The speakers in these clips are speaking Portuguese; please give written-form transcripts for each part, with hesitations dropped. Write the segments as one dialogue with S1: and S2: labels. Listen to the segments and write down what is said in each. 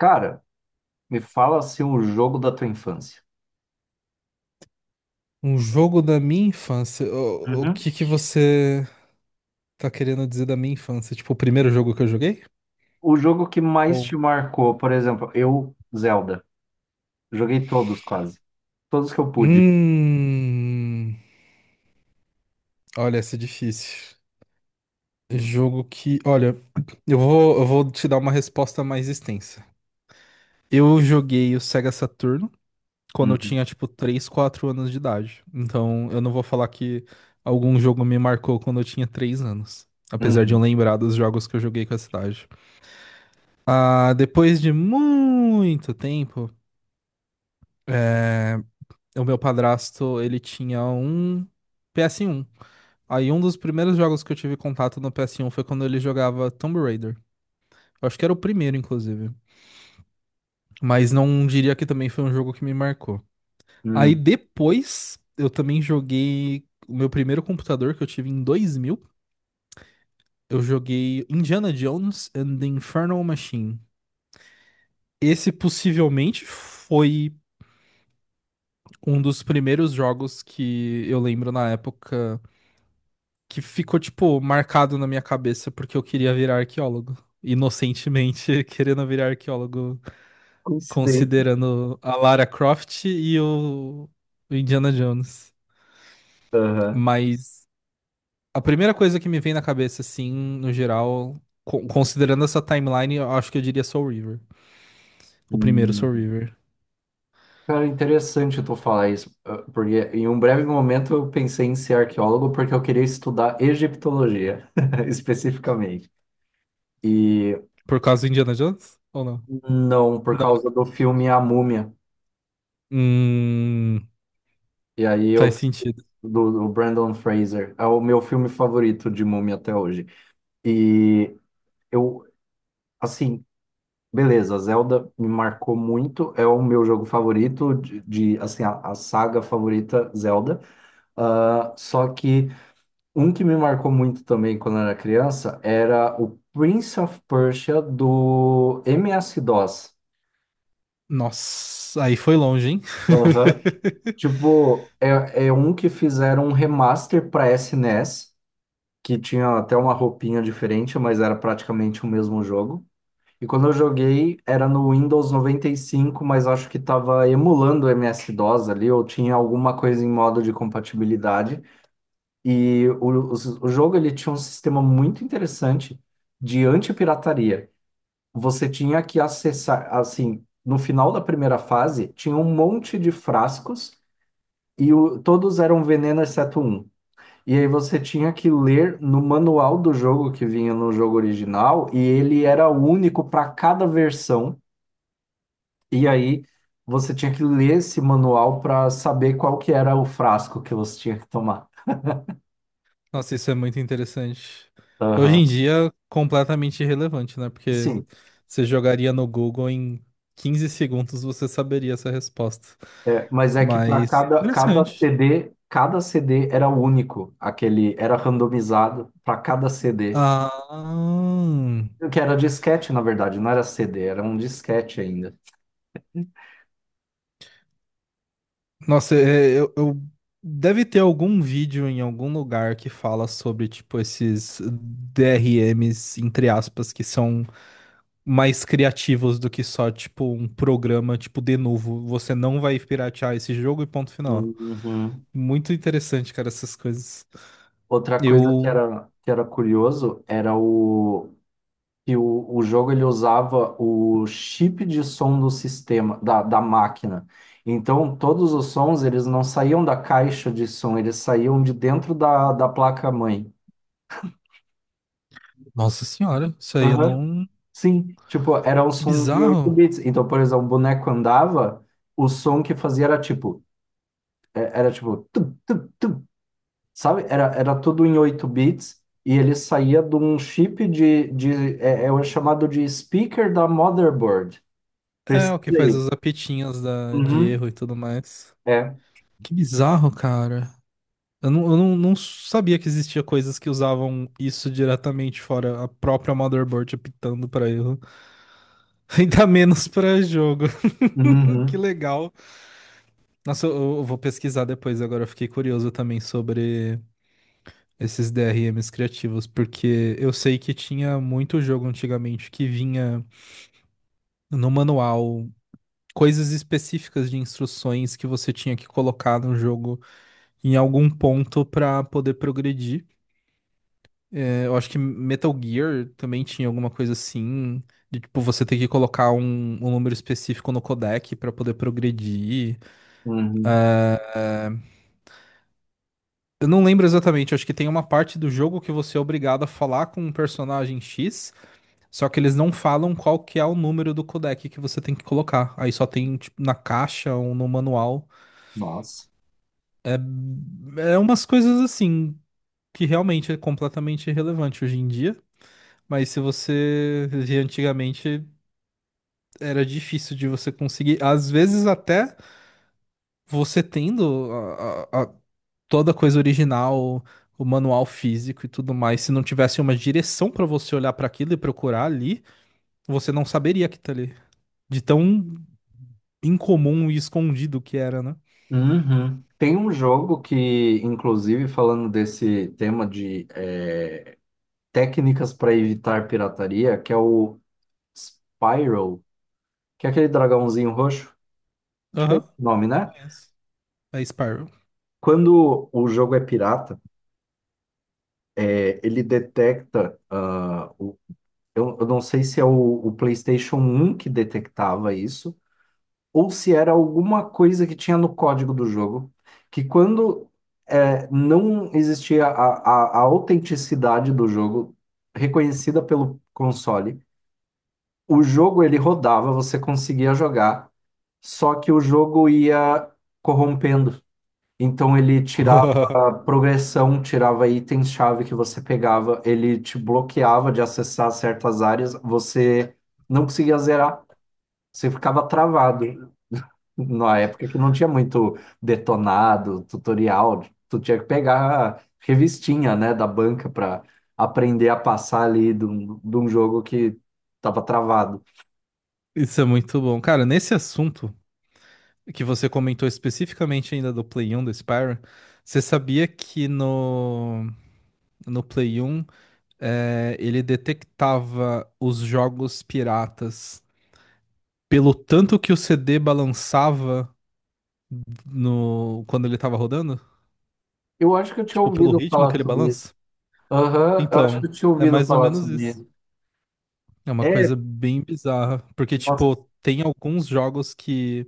S1: Cara, me fala assim o jogo da tua infância.
S2: Um jogo da minha infância. O
S1: Uhum.
S2: que que você tá querendo dizer da minha infância? Tipo, o primeiro jogo que eu joguei?
S1: O jogo que mais
S2: Ou.
S1: te marcou, por exemplo, eu, Zelda. Joguei todos quase. Todos que eu pude.
S2: Hum. Olha, essa é difícil. Jogo que. Olha, eu vou te dar uma resposta mais extensa. Eu joguei o Sega Saturno quando eu
S1: Uhum.
S2: tinha, tipo, 3 4 anos de idade. Então, eu não vou falar que algum jogo me marcou quando eu tinha 3 anos. Apesar de eu
S1: Uhum.
S2: lembrar dos jogos que eu joguei com essa idade. Ah, depois de muito tempo. É, o meu padrasto, ele tinha um PS1. Aí um dos primeiros jogos que eu tive contato no PS1 foi quando ele jogava Tomb Raider. Eu acho que era o primeiro, inclusive. Mas não diria que também foi um jogo que me marcou. Aí
S1: Uhum.
S2: depois, eu também joguei o meu primeiro computador que eu tive em 2000. Eu joguei Indiana Jones and the Infernal Machine. Esse possivelmente foi um dos primeiros jogos que eu lembro na época que ficou, tipo, marcado na minha cabeça porque eu queria virar arqueólogo. Inocentemente querendo virar arqueólogo,
S1: Coincidência.
S2: considerando a Lara Croft e o Indiana Jones.
S1: Aham.
S2: Mas a primeira coisa que me vem na cabeça, assim, no geral, considerando essa timeline, eu acho que eu diria Soul River. O primeiro Soul
S1: Uhum.
S2: River.
S1: Cara, interessante tu falar isso, ah, porque em um breve momento eu pensei em ser arqueólogo porque eu queria estudar egiptologia, especificamente. E
S2: Por causa do Indiana Jones? Ou não?
S1: não, por
S2: Não.
S1: causa do filme A Múmia.
S2: Hum,
S1: E aí eu
S2: faz sentido.
S1: do Brandon Fraser. É o meu filme favorito de Múmia até hoje. E eu, assim, beleza, Zelda me marcou muito, é o meu jogo favorito de, assim, a saga favorita Zelda. Ah, só que um que me marcou muito também quando eu era criança era o Prince of Persia do MS-DOS.
S2: Nossa, aí foi longe, hein?
S1: Aham. Tipo, é um que fizeram um remaster para SNES, que tinha até uma roupinha diferente, mas era praticamente o mesmo jogo. E quando eu joguei, era no Windows 95, mas acho que estava emulando o MS-DOS ali, ou tinha alguma coisa em modo de compatibilidade. E o jogo ele tinha um sistema muito interessante de antipirataria. Você tinha que acessar, assim, no final da primeira fase, tinha um monte de frascos e todos eram veneno exceto um. E aí você tinha que ler no manual do jogo que vinha no jogo original, e ele era único para cada versão. E aí você tinha que ler esse manual para saber qual que era o frasco que você tinha que tomar.
S2: Nossa, isso é muito interessante. Hoje em
S1: Aham.
S2: dia, completamente irrelevante, né? Porque
S1: Sim,
S2: você jogaria no Google em 15 segundos você saberia essa resposta.
S1: é, mas é que para
S2: Mas
S1: cada
S2: interessante.
S1: CD, cada CD era único, aquele era randomizado para cada CD.
S2: Ah,
S1: Que era disquete, na verdade, não era CD, era um disquete ainda.
S2: nossa, deve ter algum vídeo em algum lugar que fala sobre tipo esses DRMs entre aspas que são mais criativos do que só tipo um programa tipo de novo, você não vai piratear esse jogo e ponto final.
S1: Uhum.
S2: Muito interessante, cara, essas coisas.
S1: Outra coisa
S2: Eu.
S1: que era curioso era o que o jogo ele usava o chip de som do sistema, da máquina. Então, todos os sons eles não saíam da caixa de som, eles saíam de dentro da placa-mãe.
S2: Nossa senhora, isso aí eu
S1: Aham.
S2: não.
S1: Sim, tipo, era um
S2: Que
S1: som de 8
S2: bizarro.
S1: bits. Então, por exemplo, o boneco andava, o som que fazia era tipo, era tipo, sabe? Era, era tudo em 8 bits e ele saía de um chip de é o chamado de speaker da motherboard.
S2: É,
S1: Precisa
S2: o que faz
S1: aí.
S2: as apetinhas da de
S1: Uhum.
S2: erro e tudo mais.
S1: É.
S2: Que bizarro, cara. Eu não, não sabia que existia coisas que usavam isso diretamente, fora a própria motherboard apitando pra erro. Ainda menos pra jogo. Que
S1: Uhum.
S2: legal. Nossa, eu vou pesquisar depois, agora eu fiquei curioso também sobre esses DRMs criativos, porque eu sei que tinha muito jogo antigamente que vinha no manual coisas específicas de instruções que você tinha que colocar no jogo em algum ponto pra poder progredir. É, eu acho que Metal Gear também tinha alguma coisa assim. De, tipo, você ter que colocar um número específico no codec pra poder progredir.
S1: Uhum.
S2: Eu não lembro exatamente, eu acho que tem uma parte do jogo que você é obrigado a falar com um personagem X. Só que eles não falam qual que é o número do codec que você tem que colocar. Aí só tem, tipo, na caixa ou no manual.
S1: Nossa.
S2: É, é umas coisas assim que realmente é completamente irrelevante hoje em dia. Mas se você via antigamente, era difícil de você conseguir. Às vezes até você tendo a- a- toda a coisa original, o manual físico e tudo mais, se não tivesse uma direção pra você olhar pra aquilo e procurar ali, você não saberia que tá ali. De tão incomum e escondido que era, né?
S1: Uhum. Tem um jogo que, inclusive, falando desse tema de técnicas para evitar pirataria, que é o Spyro, que é aquele dragãozinho roxo. Acho que é esse
S2: Aham,
S1: o nome, né?
S2: conheço. É Spyro.
S1: Quando o jogo é pirata, ele detecta. Eu não sei se é o PlayStation 1 que detectava isso, ou se era alguma coisa que tinha no código do jogo, que quando não existia a autenticidade do jogo reconhecida pelo console, o jogo ele rodava, você conseguia jogar, só que o jogo ia corrompendo. Então ele tirava a progressão, tirava itens-chave que você pegava, ele te bloqueava de acessar certas áreas, você não conseguia zerar, você ficava travado. Na época que não tinha muito detonado, tutorial, tu tinha que pegar a revistinha, né, da banca para aprender a passar ali de um jogo que estava travado.
S2: Isso é muito bom. Cara, nesse assunto que você comentou especificamente ainda do Play 1 do Spyro, você sabia que no Play 1, ele detectava os jogos piratas pelo tanto que o CD balançava no, quando ele tava rodando?
S1: Eu acho que eu tinha
S2: Tipo, pelo
S1: ouvido
S2: ritmo que
S1: falar
S2: ele
S1: sobre isso.
S2: balança?
S1: Aham, eu acho que
S2: Então,
S1: eu tinha
S2: é
S1: ouvido
S2: mais ou
S1: falar
S2: menos
S1: sobre
S2: isso.
S1: isso.
S2: É uma
S1: É,
S2: coisa bem bizarra, porque,
S1: nossa.
S2: tipo, tem alguns jogos que,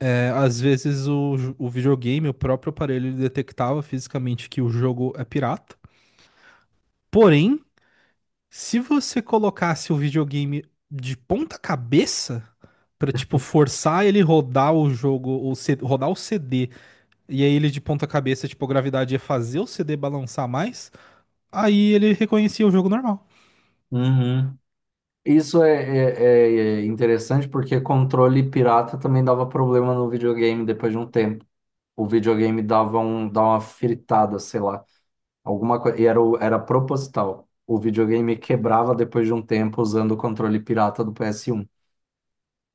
S2: às vezes, o, o videogame, o próprio aparelho, ele detectava fisicamente que o jogo é pirata. Porém, se você colocasse o videogame de ponta cabeça, pra, tipo, forçar ele rodar o jogo, ou rodar o CD, e aí ele de ponta cabeça, tipo, a gravidade ia fazer o CD balançar mais, aí ele reconhecia o jogo normal.
S1: Uhum. Isso é interessante porque controle pirata também dava problema no videogame depois de um tempo. O videogame dava uma fritada, sei lá, alguma coisa. E era, era proposital. O videogame quebrava depois de um tempo usando o controle pirata do PS1.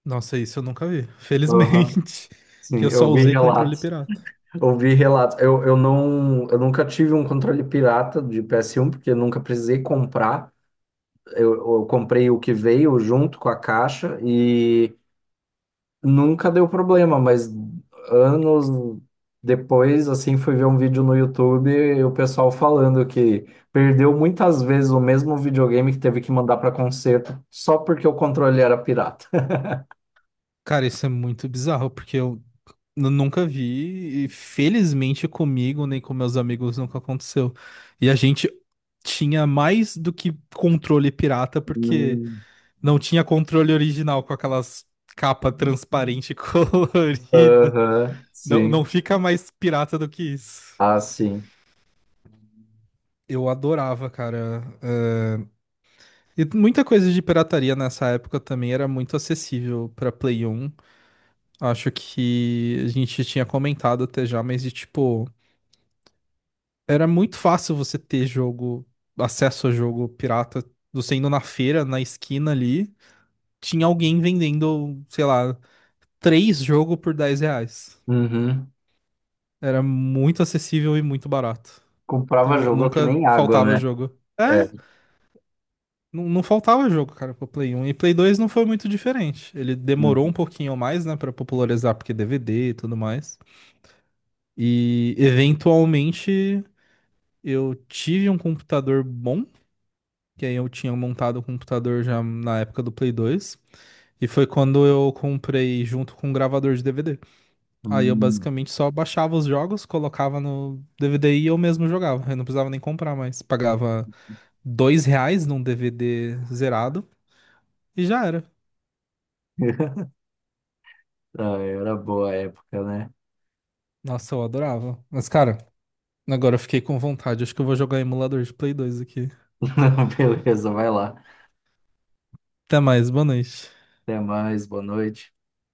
S2: Nossa, isso eu nunca vi.
S1: Aham.
S2: Felizmente, que
S1: Sim,
S2: eu só
S1: eu vi
S2: usei controle
S1: relatos.
S2: pirata.
S1: Eu vi relatos. Eu nunca tive um controle pirata de PS1, porque eu nunca precisei comprar. Eu, eu comprei o que veio junto com a caixa e nunca deu problema, mas anos depois, assim, fui ver um vídeo no YouTube e o pessoal falando que perdeu muitas vezes o mesmo videogame que teve que mandar para conserto só porque o controle era pirata.
S2: Cara, isso é muito bizarro, porque nunca vi, e felizmente comigo, nem com meus amigos, nunca aconteceu. E a gente tinha mais do que controle pirata, porque
S1: Hum.
S2: não tinha controle original com aquelas capa transparente colorida.
S1: Aham,
S2: Não, não
S1: sim.
S2: fica mais pirata do que isso.
S1: Ah, sim.
S2: Eu adorava, cara. E muita coisa de pirataria nessa época também era muito acessível pra Play 1. Acho que a gente tinha comentado até já, mas de tipo, era muito fácil você ter jogo, acesso a jogo pirata, você indo na feira, na esquina ali, tinha alguém vendendo, sei lá, 3 jogos por R$ 10.
S1: Uhum.
S2: Era muito acessível e muito barato.
S1: Comprava
S2: Então
S1: jogo que
S2: nunca
S1: nem água,
S2: faltava
S1: né?
S2: jogo. É,
S1: É.
S2: não, não faltava jogo, cara, pro Play 1. E Play 2 não foi muito diferente. Ele demorou
S1: Uhum.
S2: um pouquinho mais, né, pra popularizar, porque DVD e tudo mais. E eventualmente eu tive um computador bom, que aí eu tinha montado o computador já na época do Play 2. E foi quando eu comprei junto com um gravador de DVD. Aí eu
S1: Hum.
S2: basicamente só baixava os jogos, colocava no DVD e eu mesmo jogava. Eu não precisava nem comprar mais. Pagava R$ 2 num DVD zerado e já era.
S1: Ah, era boa a época, né?
S2: Nossa, eu adorava. Mas, cara, agora eu fiquei com vontade. Acho que eu vou jogar emulador de Play 2 aqui.
S1: Beleza, vai lá.
S2: Até mais, boa noite.
S1: Até mais, boa noite.